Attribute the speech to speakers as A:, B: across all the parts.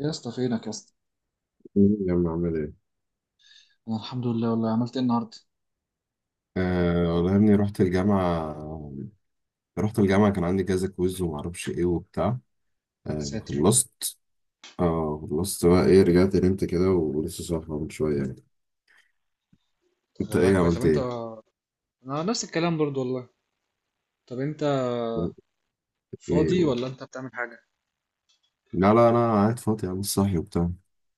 A: يا اسطى فينك يا اسطى.
B: الجامعة عامل ايه؟
A: انا الحمد لله، والله عملت ايه النهارده؟
B: آه والله يا ابني رحت الجامعة. كان عندي كذا كويز ومعرفش ايه وبتاع. آه
A: ساتر.
B: خلصت. اه خلصت بقى، ايه، رجعت نمت كده ولسه صاحي من شوية يعني.
A: طب
B: انت
A: والله
B: ايه
A: كويس، طب
B: عملت
A: انت؟
B: ايه؟
A: انا نفس الكلام برضو والله. طب انت
B: ايه
A: فاضي
B: قول.
A: ولا انت بتعمل حاجه؟
B: لا انا قاعد فاضي يا عم، صاحي وبتاع.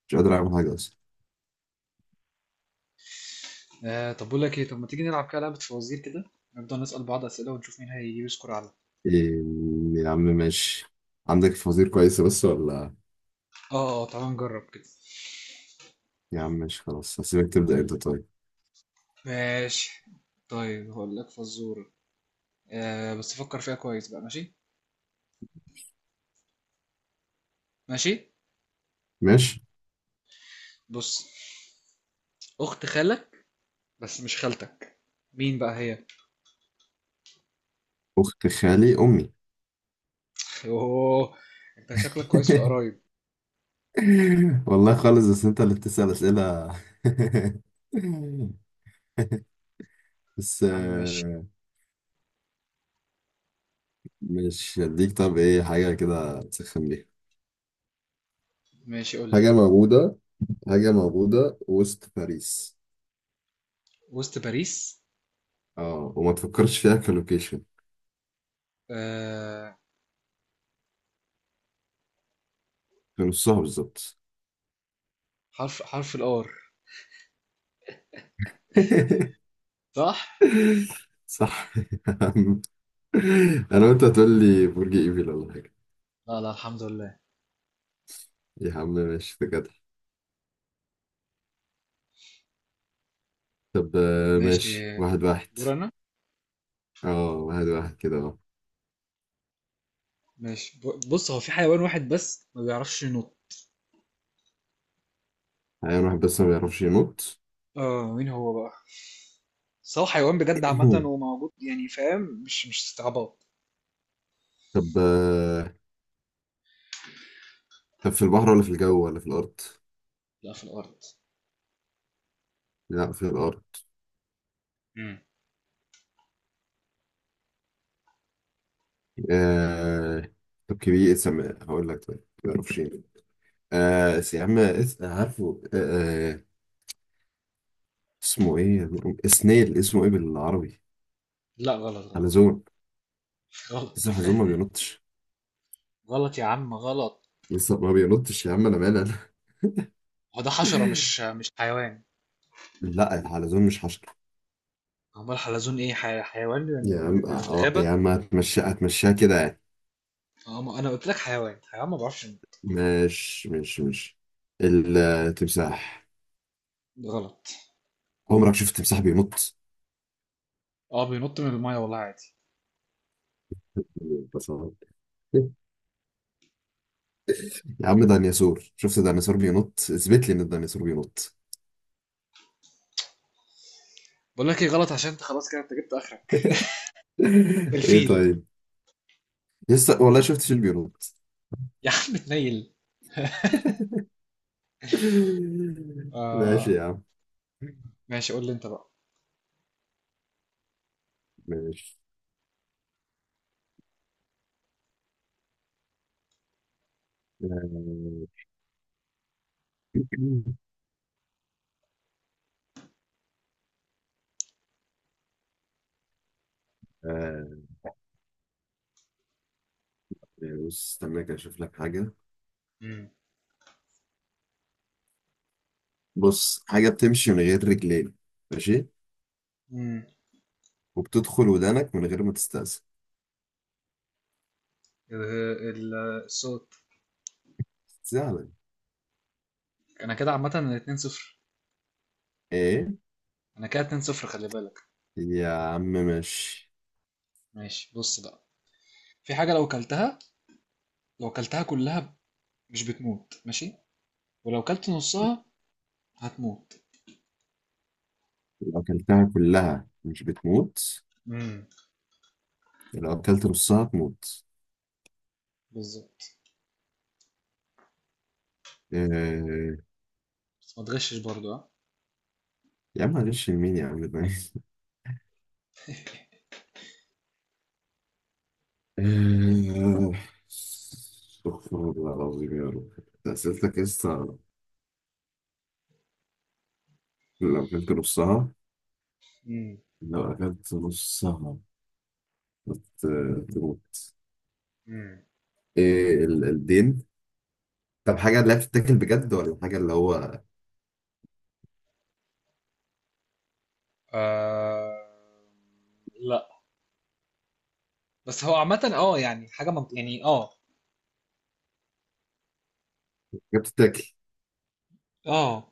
B: مش قادر اعمل حاجة اصلا.
A: آه، طب بقول لك ايه، طب ما تيجي نلعب كده لعبه فوازير كده، نفضل نسال بعض اسئله ونشوف مين هيجيب سكور اعلى.
B: إيه، يا عم ماشي. عندك فوازير كويسة بس ولا؟
A: اه اه، تعال نجرب كده.
B: يا عم ماشي، خلاص هسيبك تبدأ انت. طيب
A: ماشي، طيب هقول لك فزوره. آه بس فكر فيها كويس بقى، ماشي؟ ماشي،
B: ماشي.
A: بص، اخت خالك بس مش خالتك، مين بقى هي؟
B: أخت خالي أمي.
A: اوه، انت شكلك كويس في القرايب.
B: والله خالص، بس انت اللي بتسأل أسئلة. بس
A: يا عم ماشي.
B: مش هديك. طب ايه حاجة كده تسخن بيها؟
A: ماشي قول لي.
B: حاجة موجودة، حاجة موجودة وسط باريس.
A: وسط باريس.
B: اه وما تفكرش فيها كلوكيشن.
A: آه،
B: في نصها بالظبط.
A: حرف، حرف الار. صح.
B: صح يا عم. انا وانت هتقول لي برج ايفل ولا حاجة.
A: لا لا، الحمد لله.
B: يا عم ماشي، ده جدع. طب
A: ماشي،
B: ماشي، واحد واحد.
A: دور انا.
B: اه واحد واحد كده، اه.
A: ماشي، بص، هو في حيوان واحد بس ما بيعرفش ينط.
B: حيوان واحد بس ما بيعرفش ينط.
A: اه مين هو بقى؟ بس هو حيوان بجد عامة وموجود يعني، فاهم؟ مش استعباط.
B: طب طب في البحر ولا في الجو ولا في الأرض؟
A: لا في الارض.
B: لا في الأرض.
A: امم.
B: آه... طب كبير، اسم هقول لك، طيب ما اعرفش ايه. يا عم عارفه آه، اسمه ايه؟ سنيل اسمه ايه بالعربي؟
A: لا غلط غلط.
B: حلزون.
A: غلط.
B: لسه الحلزون ما بينطش.
A: غلط يا عم غلط.
B: لسه ما بينطش يا عم، انا مالي انا.
A: هو ده حشرة مش حيوان.
B: لا الحلزون مش حشرة.
A: امال حلزون ايه؟ حيوان يعني
B: يا عم
A: في الغابة.
B: يا عم هتمشي هتمشيها كده يعني.
A: اه ما انا قلت لك حيوان، حيوان ما بيعرفش ينط.
B: مش التمساح.
A: غلط.
B: عمرك شفت تمساح بينط؟
A: اه بينط من المايه والله عادي.
B: ده صعب. يا عم ديناصور، شفت ديناصور بينط؟ اثبت لي ان الديناصور بينط.
A: بقول لك ايه غلط، عشان انت خلاص كده انت جبت اخرك.
B: ايه
A: الفيل
B: طيب، لسه والله شفت شيل بينط.
A: يا عم اتنيل.
B: ماشي
A: آه
B: يا عم.
A: ماشي، قول لي انت بقى.
B: ماشي. آه، آه، بص، استنى كده اشوف لك حاجة.
A: مم.
B: بص، حاجة بتمشي من غير رجلين. ماشي.
A: امم،
B: وبتدخل ودانك من غير ما تستأذن.
A: الصوت.
B: سهلة.
A: انا كده عامه 2-0.
B: ايه.
A: انا كده 2-0، خلي بالك.
B: يا عم ماشي.
A: ماشي بص بقى، في حاجه لو كلتها، لو كلتها كلها مش بتموت، ماشي؟ ولو كلت نصها هتموت.
B: لو اكلتها كلها مش بتموت،
A: مم.
B: لو اكلت نصها تموت.
A: بالظبط.
B: آه.
A: بس ما تغشش برضو ها.
B: يا عم معلش، مين يا عم ده؟ آه. استغفر الله العظيم يا رب، ده أسئلتك لسه؟ لو أكلت نصها،
A: امم.
B: لو أكلت نصها ت- تموت.
A: مم.
B: إيه الدين. طب حاجة اللي هي بتتاكل بجد، ولا حاجة اللي هو.
A: آه... لا، بس هو عامة اه يعني حاجة يعني اه.
B: حاجة بتتاكل،
A: اه،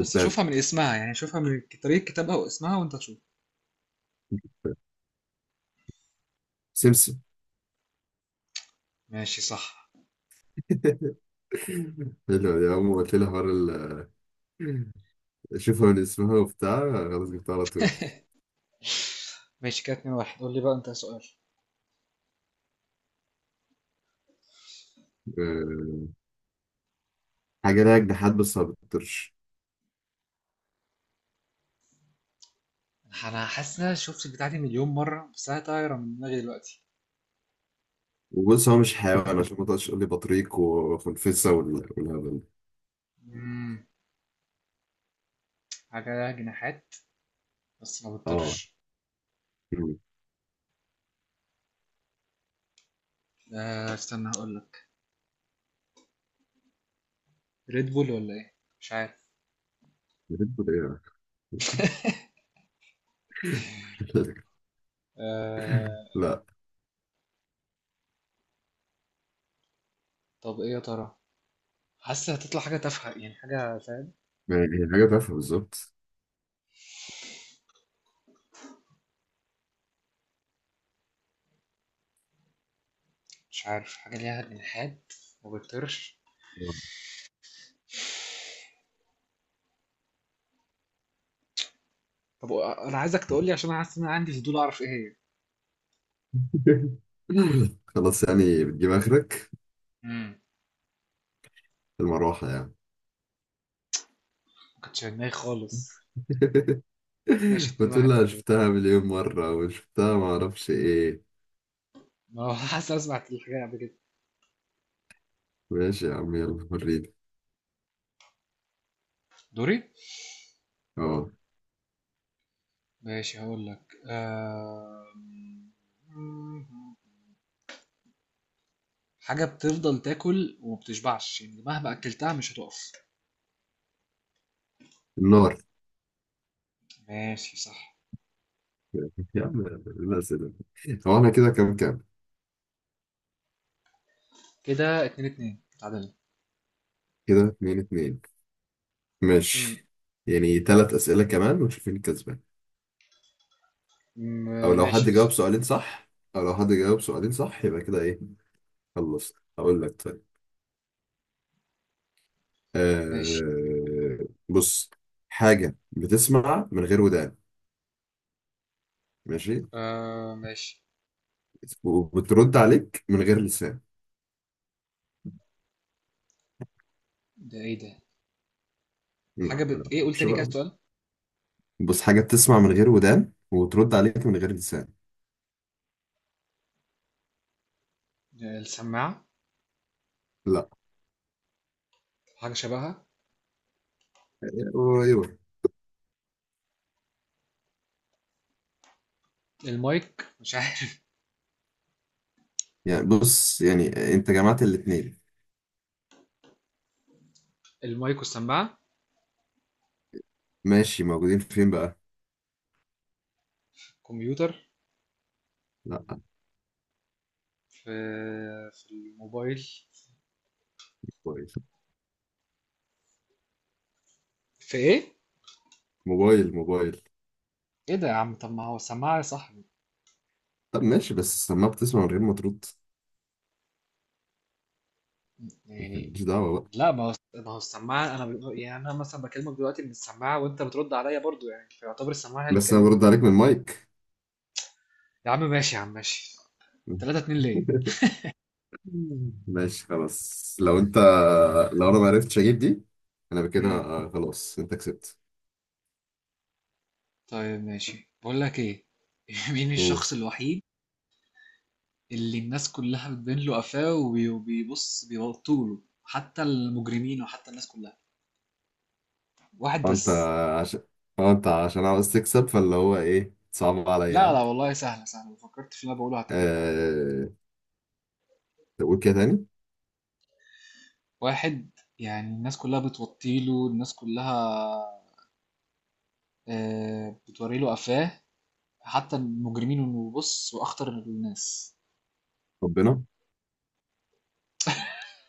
A: بس شوفها من اسمها يعني، شوفها من طريقة كتابها واسمها وانت تشوف.
B: سمسم.
A: ماشي صح.
B: حلو يا عم، قلت لي حوار شوفها من اسمها وبتاع. خلاص جبتها على طول.
A: ماشي كده 2-1، قول لي بقى انت سؤال.
B: آه. حاجة ليها جناحات بس ما بتطيرش.
A: انا حاسس ان انا شفت البتاع دي 1,000,000 مرة بس انا طايرة من دماغي دلوقتي.
B: وبص هو مش حيوان عشان ما تقعدش تقول لي بطريق وخنفسه والهبل ده.
A: امم، حاجة لها جناحات بس ما
B: اه.
A: بتطيرش.
B: مم.
A: آه استنى هقول لك، ريد بول ولا ايه؟ مش عارف.
B: بتقول ايه؟
A: آه،
B: لا.
A: طب ايه يا ترى؟ حاسس هتطلع حاجة تافهة يعني، حاجة فاهم.
B: يعني هي حاجه تافهه بالظبط.
A: مش عارف، حاجة ليها جناحات ما بتطيرش.
B: آه.
A: طب انا عايزك تقول لي عشان انا حاسس ان انا عندي فضول اعرف ايه هي.
B: خلاص، يعني بتجيب اخرك.
A: امم،
B: المروحه يعني.
A: ما كنتش في دماغي خالص. ماشي
B: بتقول
A: 2-1
B: لها
A: برضه.
B: شفتها مليون مره، وشفتها ما اعرفش ايه.
A: ما هو حاسس اسمع الحكاية قبل كده.
B: ماشي يا عم، يلا وريني.
A: دوري.
B: اه.
A: ماشي هقول لك حاجة بتفضل تاكل ومبتشبعش يعني مهما أكلتها مش هتقف.
B: النار.
A: ماشي صح.
B: يا عم الاسئله. هو احنا كده كام كام؟
A: كده 2-2 تعادل.
B: كده اتنين اتنين.
A: مم،
B: ماشي. يعني تلات اسئله كمان ونشوف مين الكسبان. او لو
A: ماشي
B: حد جاوب
A: بالظبط.
B: سؤالين صح، او لو حد جاوب سؤالين صح يبقى كده ايه. خلصت، هقول لك طيب.
A: ماشي.
B: آه بص، حاجة بتسمع من غير ودان. ماشي.
A: آه ماشي.
B: وبترد عليك من غير لسان.
A: ده ايه ده؟
B: لا
A: حاجة بت
B: لا
A: ايه قول
B: مش
A: تاني كده
B: بقى.
A: السؤال.
B: بص، حاجة بتسمع من غير ودان وترد عليك من غير لسان.
A: السماعة.
B: لا.
A: حاجة شبهها.
B: ايوه.
A: المايك، مش عارف.
B: يعني بص، يعني انت جمعت الاتنين.
A: المايك والسماعة.
B: ماشي، موجودين فين بقى؟
A: كمبيوتر.
B: لا.
A: في في الموبايل.
B: موبايل
A: في ايه؟
B: موبايل موبايل.
A: إيه ده يا عم؟ طب ما هو السماعة يا صاحبي.
B: طب ماشي، بس السماعة بتسمع من غير ما ترد.
A: يعني.
B: ماليش دعوة بقى.
A: لا، ما هو السماعة، أنا يعني أنا مثلا بكلمك دلوقتي من السماعة وأنت بترد عليا برضو، يعني فيعتبر السماعة هي اللي
B: بس انا
A: بتكلمني.
B: برد عليك من المايك.
A: يا عم ماشي، يا عم ماشي. 3-2 ليه؟
B: ماشي خلاص، لو انت، لو انا ما عرفتش اجيب دي، انا بكده.
A: امم.
B: خلاص انت كسبت.
A: طيب ماشي، بقول لك إيه. مين
B: قول.
A: الشخص الوحيد اللي الناس كلها بتبين له قفاه وبيبص بيبطوا له حتى المجرمين وحتى الناس كلها،
B: اه
A: واحد
B: انت
A: بس.
B: عشان اه انت عشان عاوز تكسب، فاللي هو ايه، صعب
A: لا لا
B: عليا.
A: والله سهلة سهلة، لو فكرت في اللي أنا بقوله هتجيبها يعني.
B: أه... تقول كده تاني.
A: واحد، يعني الناس كلها بتوطيله، الناس كلها، آه، بتوري له قفاه حتى المجرمين، انه بص واخطر الناس.
B: ربنا.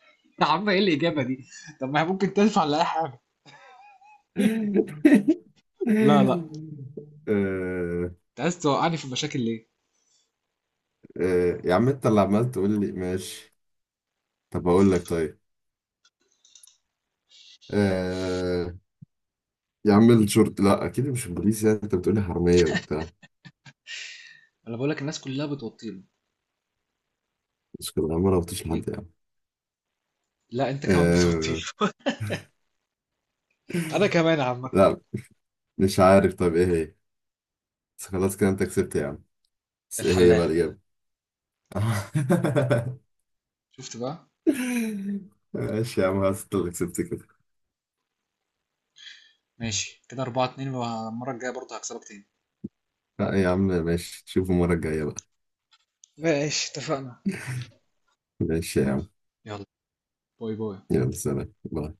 A: يا عم ايه الاجابه دي؟ طب ما هي ممكن تنفع لاي حاجه. لا
B: أه.
A: لا، انت عايز توقعني في مشاكل ليه؟
B: أه. يا عم انت اللي عمال تقول لي ماشي. طب اقول لك طيب. أه. يا عم الشورت، لا اكيد مش بوليس، يعني انت بتقولي حراميه وبتاع.
A: انا بقول لك الناس كلها بتوطيله.
B: مش كده، ما ربطش لحد يعني.
A: لا انت كمان بتوطيله.
B: أه.
A: انا كمان عامه.
B: لا، مش عارف طب ايه هي، بس خلاص كده انت كسبت يا عم. بس ايه هي بقى
A: الحلاق.
B: الإجابة؟
A: شفت بقى؟
B: ماشي يا عم خلاص، انت اللي كسبت كده.
A: ماشي، كده 4-2، والمره الجايه برضه هكسبك تاني.
B: لا يا عم ماشي، تشوفوا المرة الجاية بقى.
A: ماشي اتفقنا.
B: ماشي يا عم،
A: يلا، باي باي.
B: يلا سلام باي.